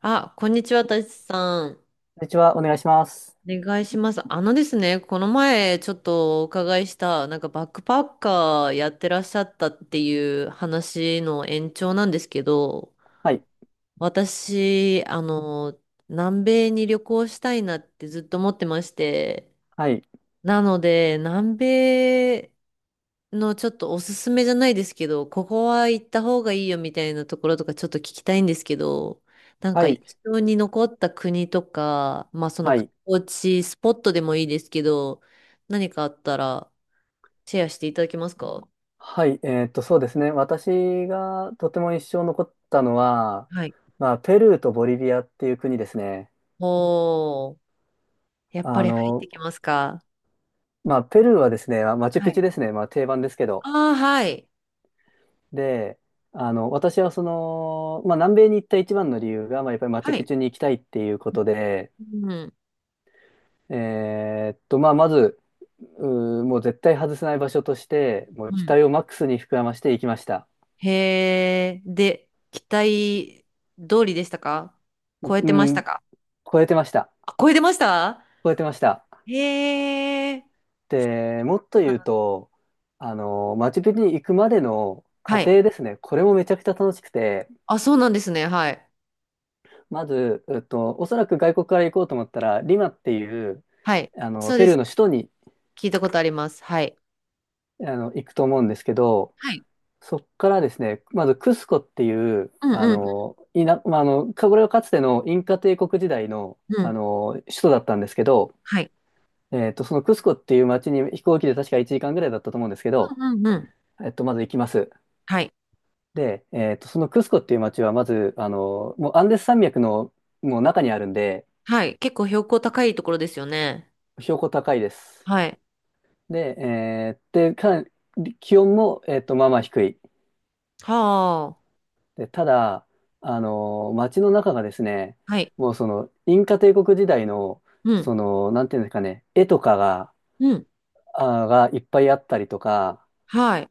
あ、こんにちは、たちさん。こんにちは、お願いします。お願いします。あのですね、この前ちょっとお伺いした、なんかバックパッカーやってらっしゃったっていう話の延長なんですけど、はい、私、南米に旅行したいなってずっと思ってまして、はい、なので、南米のちょっとおすすめじゃないですけど、ここは行った方がいいよみたいなところとかちょっと聞きたいんですけど、なんはか印い、象に残った国とか、まあそのは観い、光地、スポットでもいいですけど、何かあったらシェアしていただけますか？はい、そうですね。私がとても印象残ったのは、はい。ペルーとボリビアっていう国ですね。おー、やっぱあり入っての、きますか？ペルーはですね、まあマチュはピチい。ュですね。まあ、定番ですけど。ああ、はい。で、私はその、まあ、南米に行った一番の理由が、まあ、やっぱりマチはュピい。チュに行きたいっていうことで、うん。まず、もう絶対外せない場所として、もうう期ん。待をマックスに膨らまして行きました。へえ、で、期待通りでしたか？超えうてましたん、か？超えてました。あ、超えてました？超えてました。へえ。で、もっと言うあ、と、マチュピチュに行くまでの過はい。程ですね。これもめちゃくちゃ楽しくて、あ、そうなんですね。はい。まず、おそらく外国から行こうと思ったら、リマっていう、はい。そうペでルーす。の首都に、聞いたことあります。はい。行くと思うんですけど、はい。そっからですね、まずクスコっていう、うんあうんの、いな、まあ、あの、かこれはかつてのインカ帝国時代の、うんうん。首都だったんですけど、はい。そのクスコっていう町に飛行機で確か1時間ぐらいだったと思うんですけど、うんうんうん。まず行きます。はい。で、そのクスコっていう街は、まず、もうアンデス山脈の中にあるんで、はい。結構標高高いところですよね。標高高いです。はい。で、かなり気温も、まあまあ低い。はあ、で、ただ、街の中がですね、はい。もうその、インカ帝国時代の、うん。その、なんていうんですかね、絵とかが、うん。がいっぱいあったりとか、はい。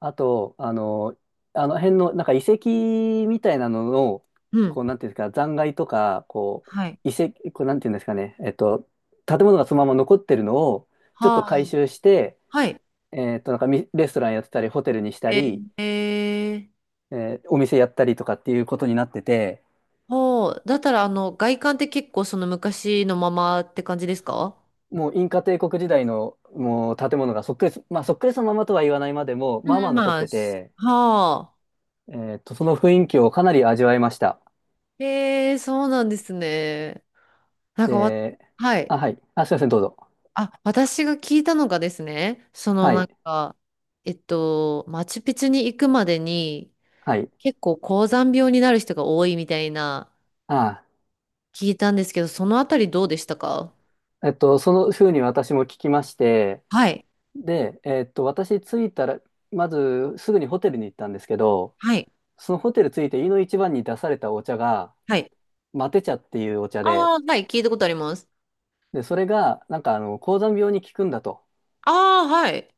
あと、あの辺の、なんか遺跡みたいなのの、うん。こう、なんていうんですか、残骸とか、こはい。う、遺跡、こう、なんていうんですかね、建物がそのまま残ってるのを、ちょっはと回あ。収して、はい。なんかみレストランやってたり、ホテルにしたえり、ー、えー、お店やったりとかっていうことになってて、ほう。だったら、外観って結構その昔のままって感じですか？もうインカ帝国時代の、もう建物がそっくりそ、まあ、そっくりそのままとは言わないまでも、まあまうあん、残っまあ、てして、はあ。その雰囲気をかなり味わえました。へえ、そうなんですね。なんかわ、で、はい。あ、はい。あ、すいません、どうぞ。あ、私が聞いたのがですね、そのはない。んか、マチュピチュに行くまでにはい。結構高山病になる人が多いみたいなあ聞いたんですけど、そのあたりどうでしたか？あ、その風に私も聞きまして、はい。で、私着いたら、まずすぐにホテルに行ったんですけど、はい。そのホテル着いて、飯の一番に出されたお茶が、はい。マテ茶っていうお茶で、ああ、はい。聞いたことあります。で、それが、なんか、高山病に効くんだとああ、はい。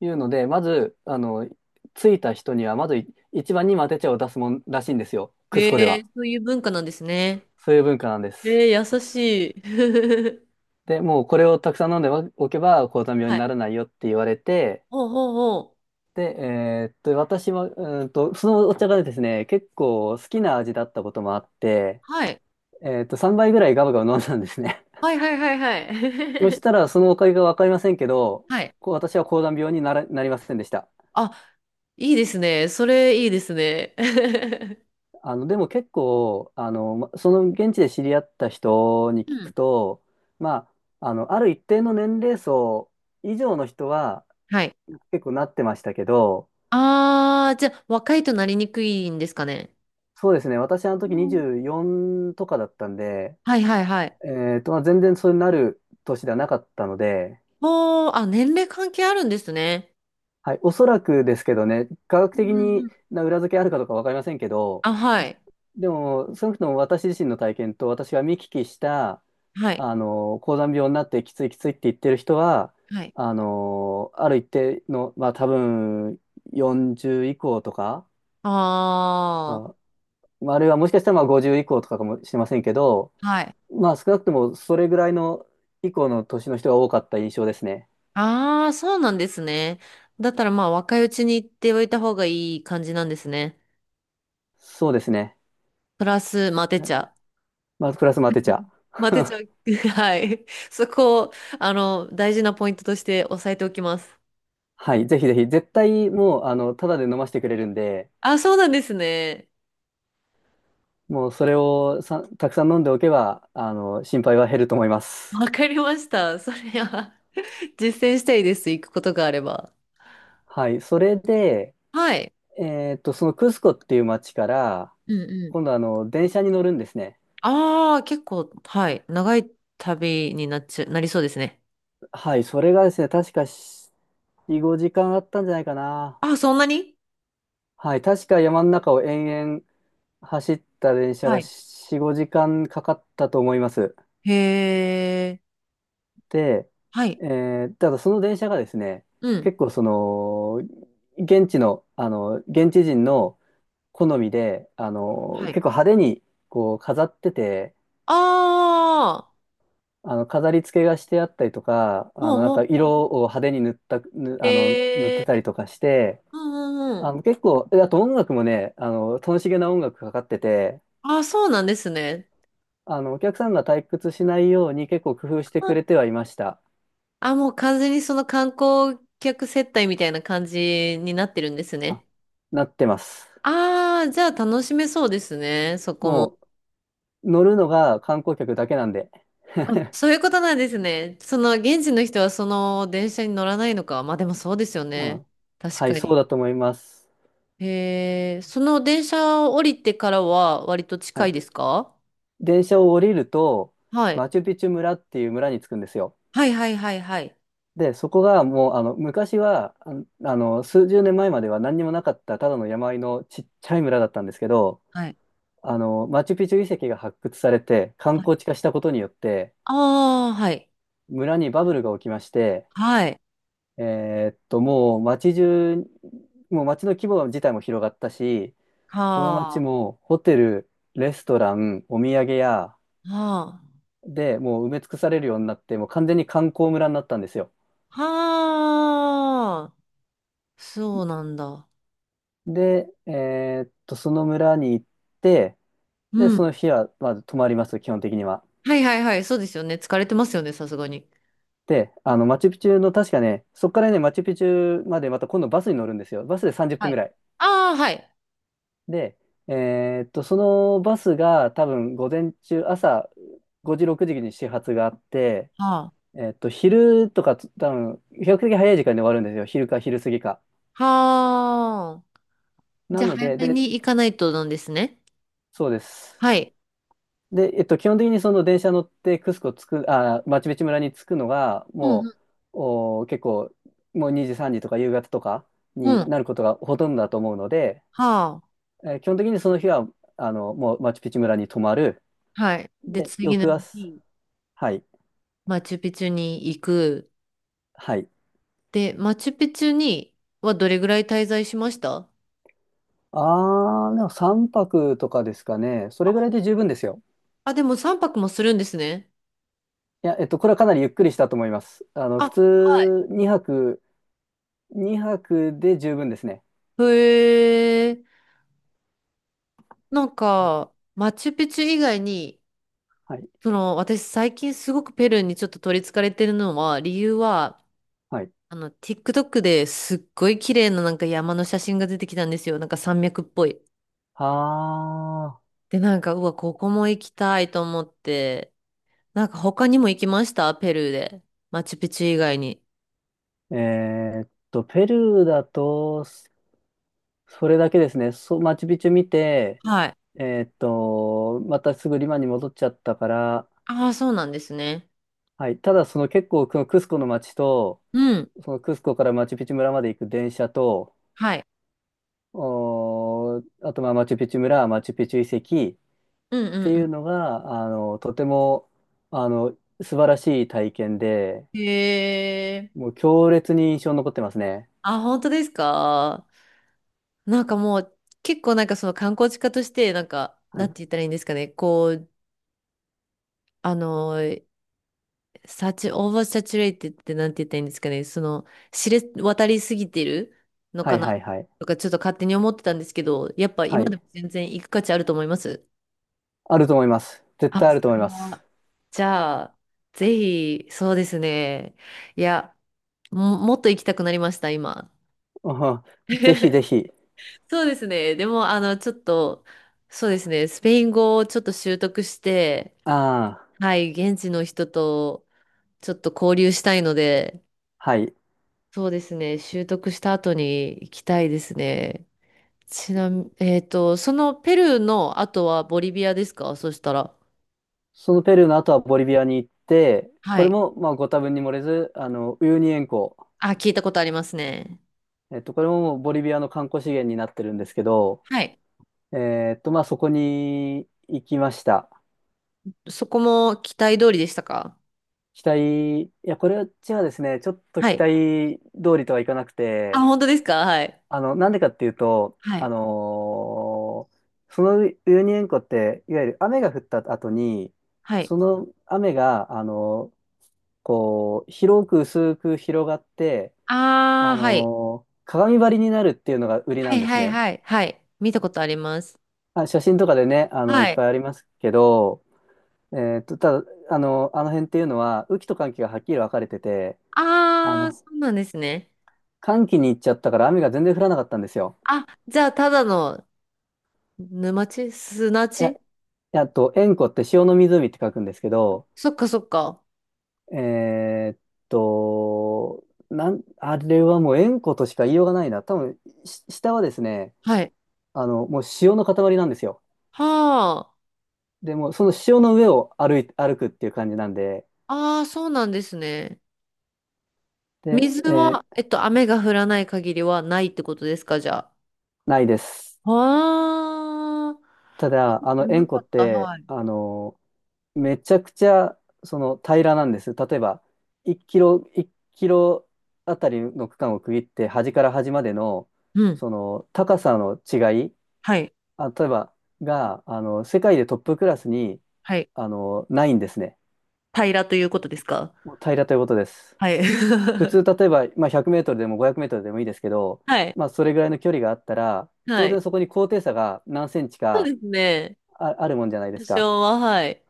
いうので、まず、着いた人には、まずい一番にマテ茶を出すもんらしいんですよ。クへスコでえ、は。そういう文化なんですね。そういう文化なんです。へえ、優しい。で、もうこれをたくさん飲んでおけば、高山病はにい。ならないよって言われて、ほうほうほう。で、私は、そのお茶がですね、結構好きな味だったこともあって、はい。3杯ぐらいガブガブ飲んだんですね。はいはいはいは そしい。たら、そのおかげがわかりませんけど、はい、こう私は高山病になら、なりませんでした。あ、いいですね。それいいですね。でも結構、その現地で知り合った人にう聞くん。と、まある一定の年齢層以上の人ははい。結構なってましたけど、あー、じゃあ、若いとなりにくいんですかね。そうですね、私あのう時ん、24とかだったんで、はいはいはい。全然そうなる年ではなかったので、もう、あ、年齢関係あるんですね。はい、おそらくですけどね、科学う的んうんうにん、な裏付けあるかどうかわかりませんけど、あ、はい。でも、少なくとも私自身の体験と私が見聞きした、はい。高山病になってきついきついって言ってる人は、はい。ある一定の、まあ多分40以降とか、ああ、まああるいはもしかしたらまあ50以降とかかもしれませんけど、あ、はい。まあ少なくともそれぐらいの以降の年の人が多かった印象ですね。ああ、そうなんですね。だったらまあ若いうちに行っておいた方がいい感じなんですね。そうですね。プラス、まあ出ちゃう。まあ、プラスも当てちゃ う。マテ茶、はい。そこを、大事なポイントとして押さえておきます。はい、ぜひぜひ、絶対もう、ただで飲ませてくれるんで、あ、そうなんですね。もうそれをさ、たくさん飲んでおけば、心配は減ると思います。わかりました。それは 実践したいです。行くことがあれば。はい、それで、はい。そのクスコっていう町から、うんうん。今度、電車に乗るんですね。ああ、結構、はい。長い旅になっちゃ、なりそうですね。はい、それがですね、確か4、5時間あったんじゃないかな。あ、そんなに？はい、確か山の中を延々走った電車がはい。4、5時間かかったと思います。へえ。で、はい。ただその電車がですね、うん。結構その、現地の、現地人の好みで、はい。結構派手にこう飾ってて、ああ、飾り付けがしてあったりとか、ほうなんほかう。色を派手に塗った、ぬあの、塗っへてえ。たりとかして、うんうんうん。結構、あと音楽もね、楽しげな音楽かかってて、あ、そうなんですね。お客さんが退屈しないように結構工夫してくれてはいました。あ、もう完全にその観光客接待みたいな感じになってるんですあね。なってます。ああ、じゃあ楽しめそうですね、そこも。もう乗るのが観光客だけなんで。あ、そういうことなんですね。その現地の人はその電車に乗らないのか。まあでもそうですようね。ん。確はい、かそうに。だと思います。へえ、その電車を降りてからは割とは近いい。ですか？電車を降りると、はい。マチュピチュ村っていう村に着くんですよ。はいはいはいはい。で、そこがもう、昔は、数十年前までは何にもなかった、ただの山あいのちっちゃい村だったんですけど、はい。マチュピチュ遺跡が発掘されて、観はい。光地化したことによって、ああ、はい。村にバブルが起きまして、はい。もう街中、もう街の規模自体も広がったし、そのは街あ。もホテル、レストラン、お土産屋はあ。でもう埋め尽くされるようになって、もう完全に観光村になったんですよ。はあ。そうなんだ。で、その村に行って、で、うそん。の日はまず泊まります、基本的には。はいはいはい。そうですよね。疲れてますよね、さすがに。で、マチュピチュの確かね、そこからね、マチュピチュまでまた今度バスに乗るんですよ。バスで30は分ぐい。らい。ああ、はい。で、そのバスが多分午前中、朝5時、6時に始発があって、はあ。昼とかつ多分、比較的早い時間で終わるんですよ。昼か昼過ぎか。はあ。じなゃあ、の早で、めで、に行かないとなんですね。そうです。はい。で、基本的にその電車乗ってクスコ着く、あー、マチュピチュ村に着くのが、うもん、う、おー、結構、もう2時、3時とか夕方とかうん、にうん。なることがほとんどだと思うので、はあ。基本的にその日は、もうマチュピチュ村に泊まる。はい。で、で、次の翌朝、日、はい。マチュピチュに行く。はい。で、マチュピチュにはどれぐらい滞在しました？あー、でも3泊とかですかね。それぐらいで十分ですよ。あ、でも3泊もするんですね。いや、これはかなりゆっくりしたと思います。あ、普はい。通2泊、2泊で十分ですね。へえ。なんか、マチュピチュ以外にはい。その、私最近すごくペルーにちょっと取り憑かれてるのは、理由は、はい。TikTok ですっごい綺麗ななんか山の写真が出てきたんですよ。なんか山脈っぽい。あで、なんか、うわ、ここも行きたいと思って、なんか他にも行きましたペルーで。マチュピチュ以外に。ー、ペルーだと、それだけですね。そう、マチュピチュ見て、はい。またすぐリマに戻っちゃったから、ああ、そうなんですね。はい。ただ、その結構、このクスコの街と、うん。そのクスコからマチュピチュ村まで行く電車と、はい。あと、まあ、マチュピチュ村、マチュピチュ遺跡っうんてういんうのが、とても、あの、素晴らしい体験で、うん。へえ。もう強烈に印象に残ってますね。あ、本当ですか？なんかもう結構なんかその観光地化としてなんか、はなんてい。言ったらいいんですかね。こう、あのサチ、オーバーサチュレイテってなんて言ったらいいんですかね。その、知れ渡りすぎてるのはかいな、はいはい。とか、ちょっと勝手に思ってたんですけど、やっぱは今い。でも全然行く価値あると思います。あると思います。絶対あ、あそると思いれます。は。じゃあ、ぜひ、そうですね。いや、もっと行きたくなりました、今。うん、ぜひぜひ。そうですね。でも、ちょっと、そうですね。スペイン語をちょっと習得して、ああ、はい、現地の人とちょっと交流したいので、はい。そうですね。習得した後に行きたいですね。ちなみに、そのペルーの後はボリビアですか、そしたら。そのペルーの後はボリビアに行って、こはれい。も、まあ、ご多分に漏れず、ウユニ塩湖。あ、聞いたことありますね。これもボリビアの観光資源になってるんですけど、はい。そこに行きました。そこも期待通りでしたか？期待、いや、これはですね、ちょっとは期い。待通りとはいかなくあ、て、本当ですか？はい。なんでかっていうと、はい。そのウユニ塩湖って、いわゆる雨が降った後に、はい。その雨が、こう、広く薄く広がって、ああ、はい。鏡張りになるっていうのが売りはなんいですはいね。はい。はい。見たことあります。あ、写真とかでね、いっはい。ぱいありますけど、ただ、あの辺っていうのは、雨季と乾季がはっきり分かれてて、あああ、の、そうなんですね。乾季に行っちゃったから雨が全然降らなかったんですよ。あ、じゃあ、ただの沼地砂いや、地？いやあと、塩湖って塩の湖って書くんですけど、そっかそっか。えーっと、あれはもう塩湖としか言いようがないな。多分、し下はですね、はい。もう塩の塊なんですよ。はあ。でも、その塩の上を歩い、歩くっていう感じなんで、ああ、そうなんですね。で、水は、雨が降らない限りはないってことですか、じゃないです。あ。ああ、ただ、知らな塩湖かっった、て、はい。めちゃくちゃその平らなんです。例えば1キロ、1キロあたりの区間を区切って端から端までのうん。その高さの違い、はい。あ、例えばがあの世界でトップクラスにはい。ないんですね。平らということですか？もう平らということです。はい。普 通例えば、まあ、100メートルでも500メートルでもいいですけど、はい。まあ、それぐらいの距離があったらは当い。然そこに高低差が何センチでかすね。あるもんじゃないで多すか。少は、はい。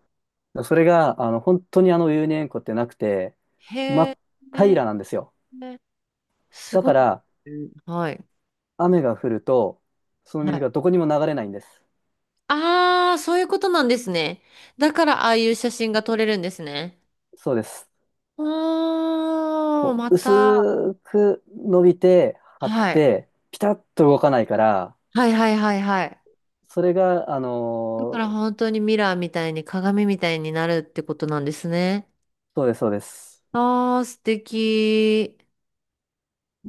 それが、本当に有年塩湖ってなくて、真へえ、っ平らなんですよ。すだごかい。ら、はい。雨が降ると、そのは水い。がどこにも流れないんです。ああ、そういうことなんですね。だから、ああいう写真が撮れるんですね。そうです。おー、こまう、た。薄く伸びて、張っはい。て、ピタッと動かないから、はいはいはいはい。それが、だから本当にミラーみたいに鏡みたいになるってことなんですね。そうです、そうです。ああ、素敵。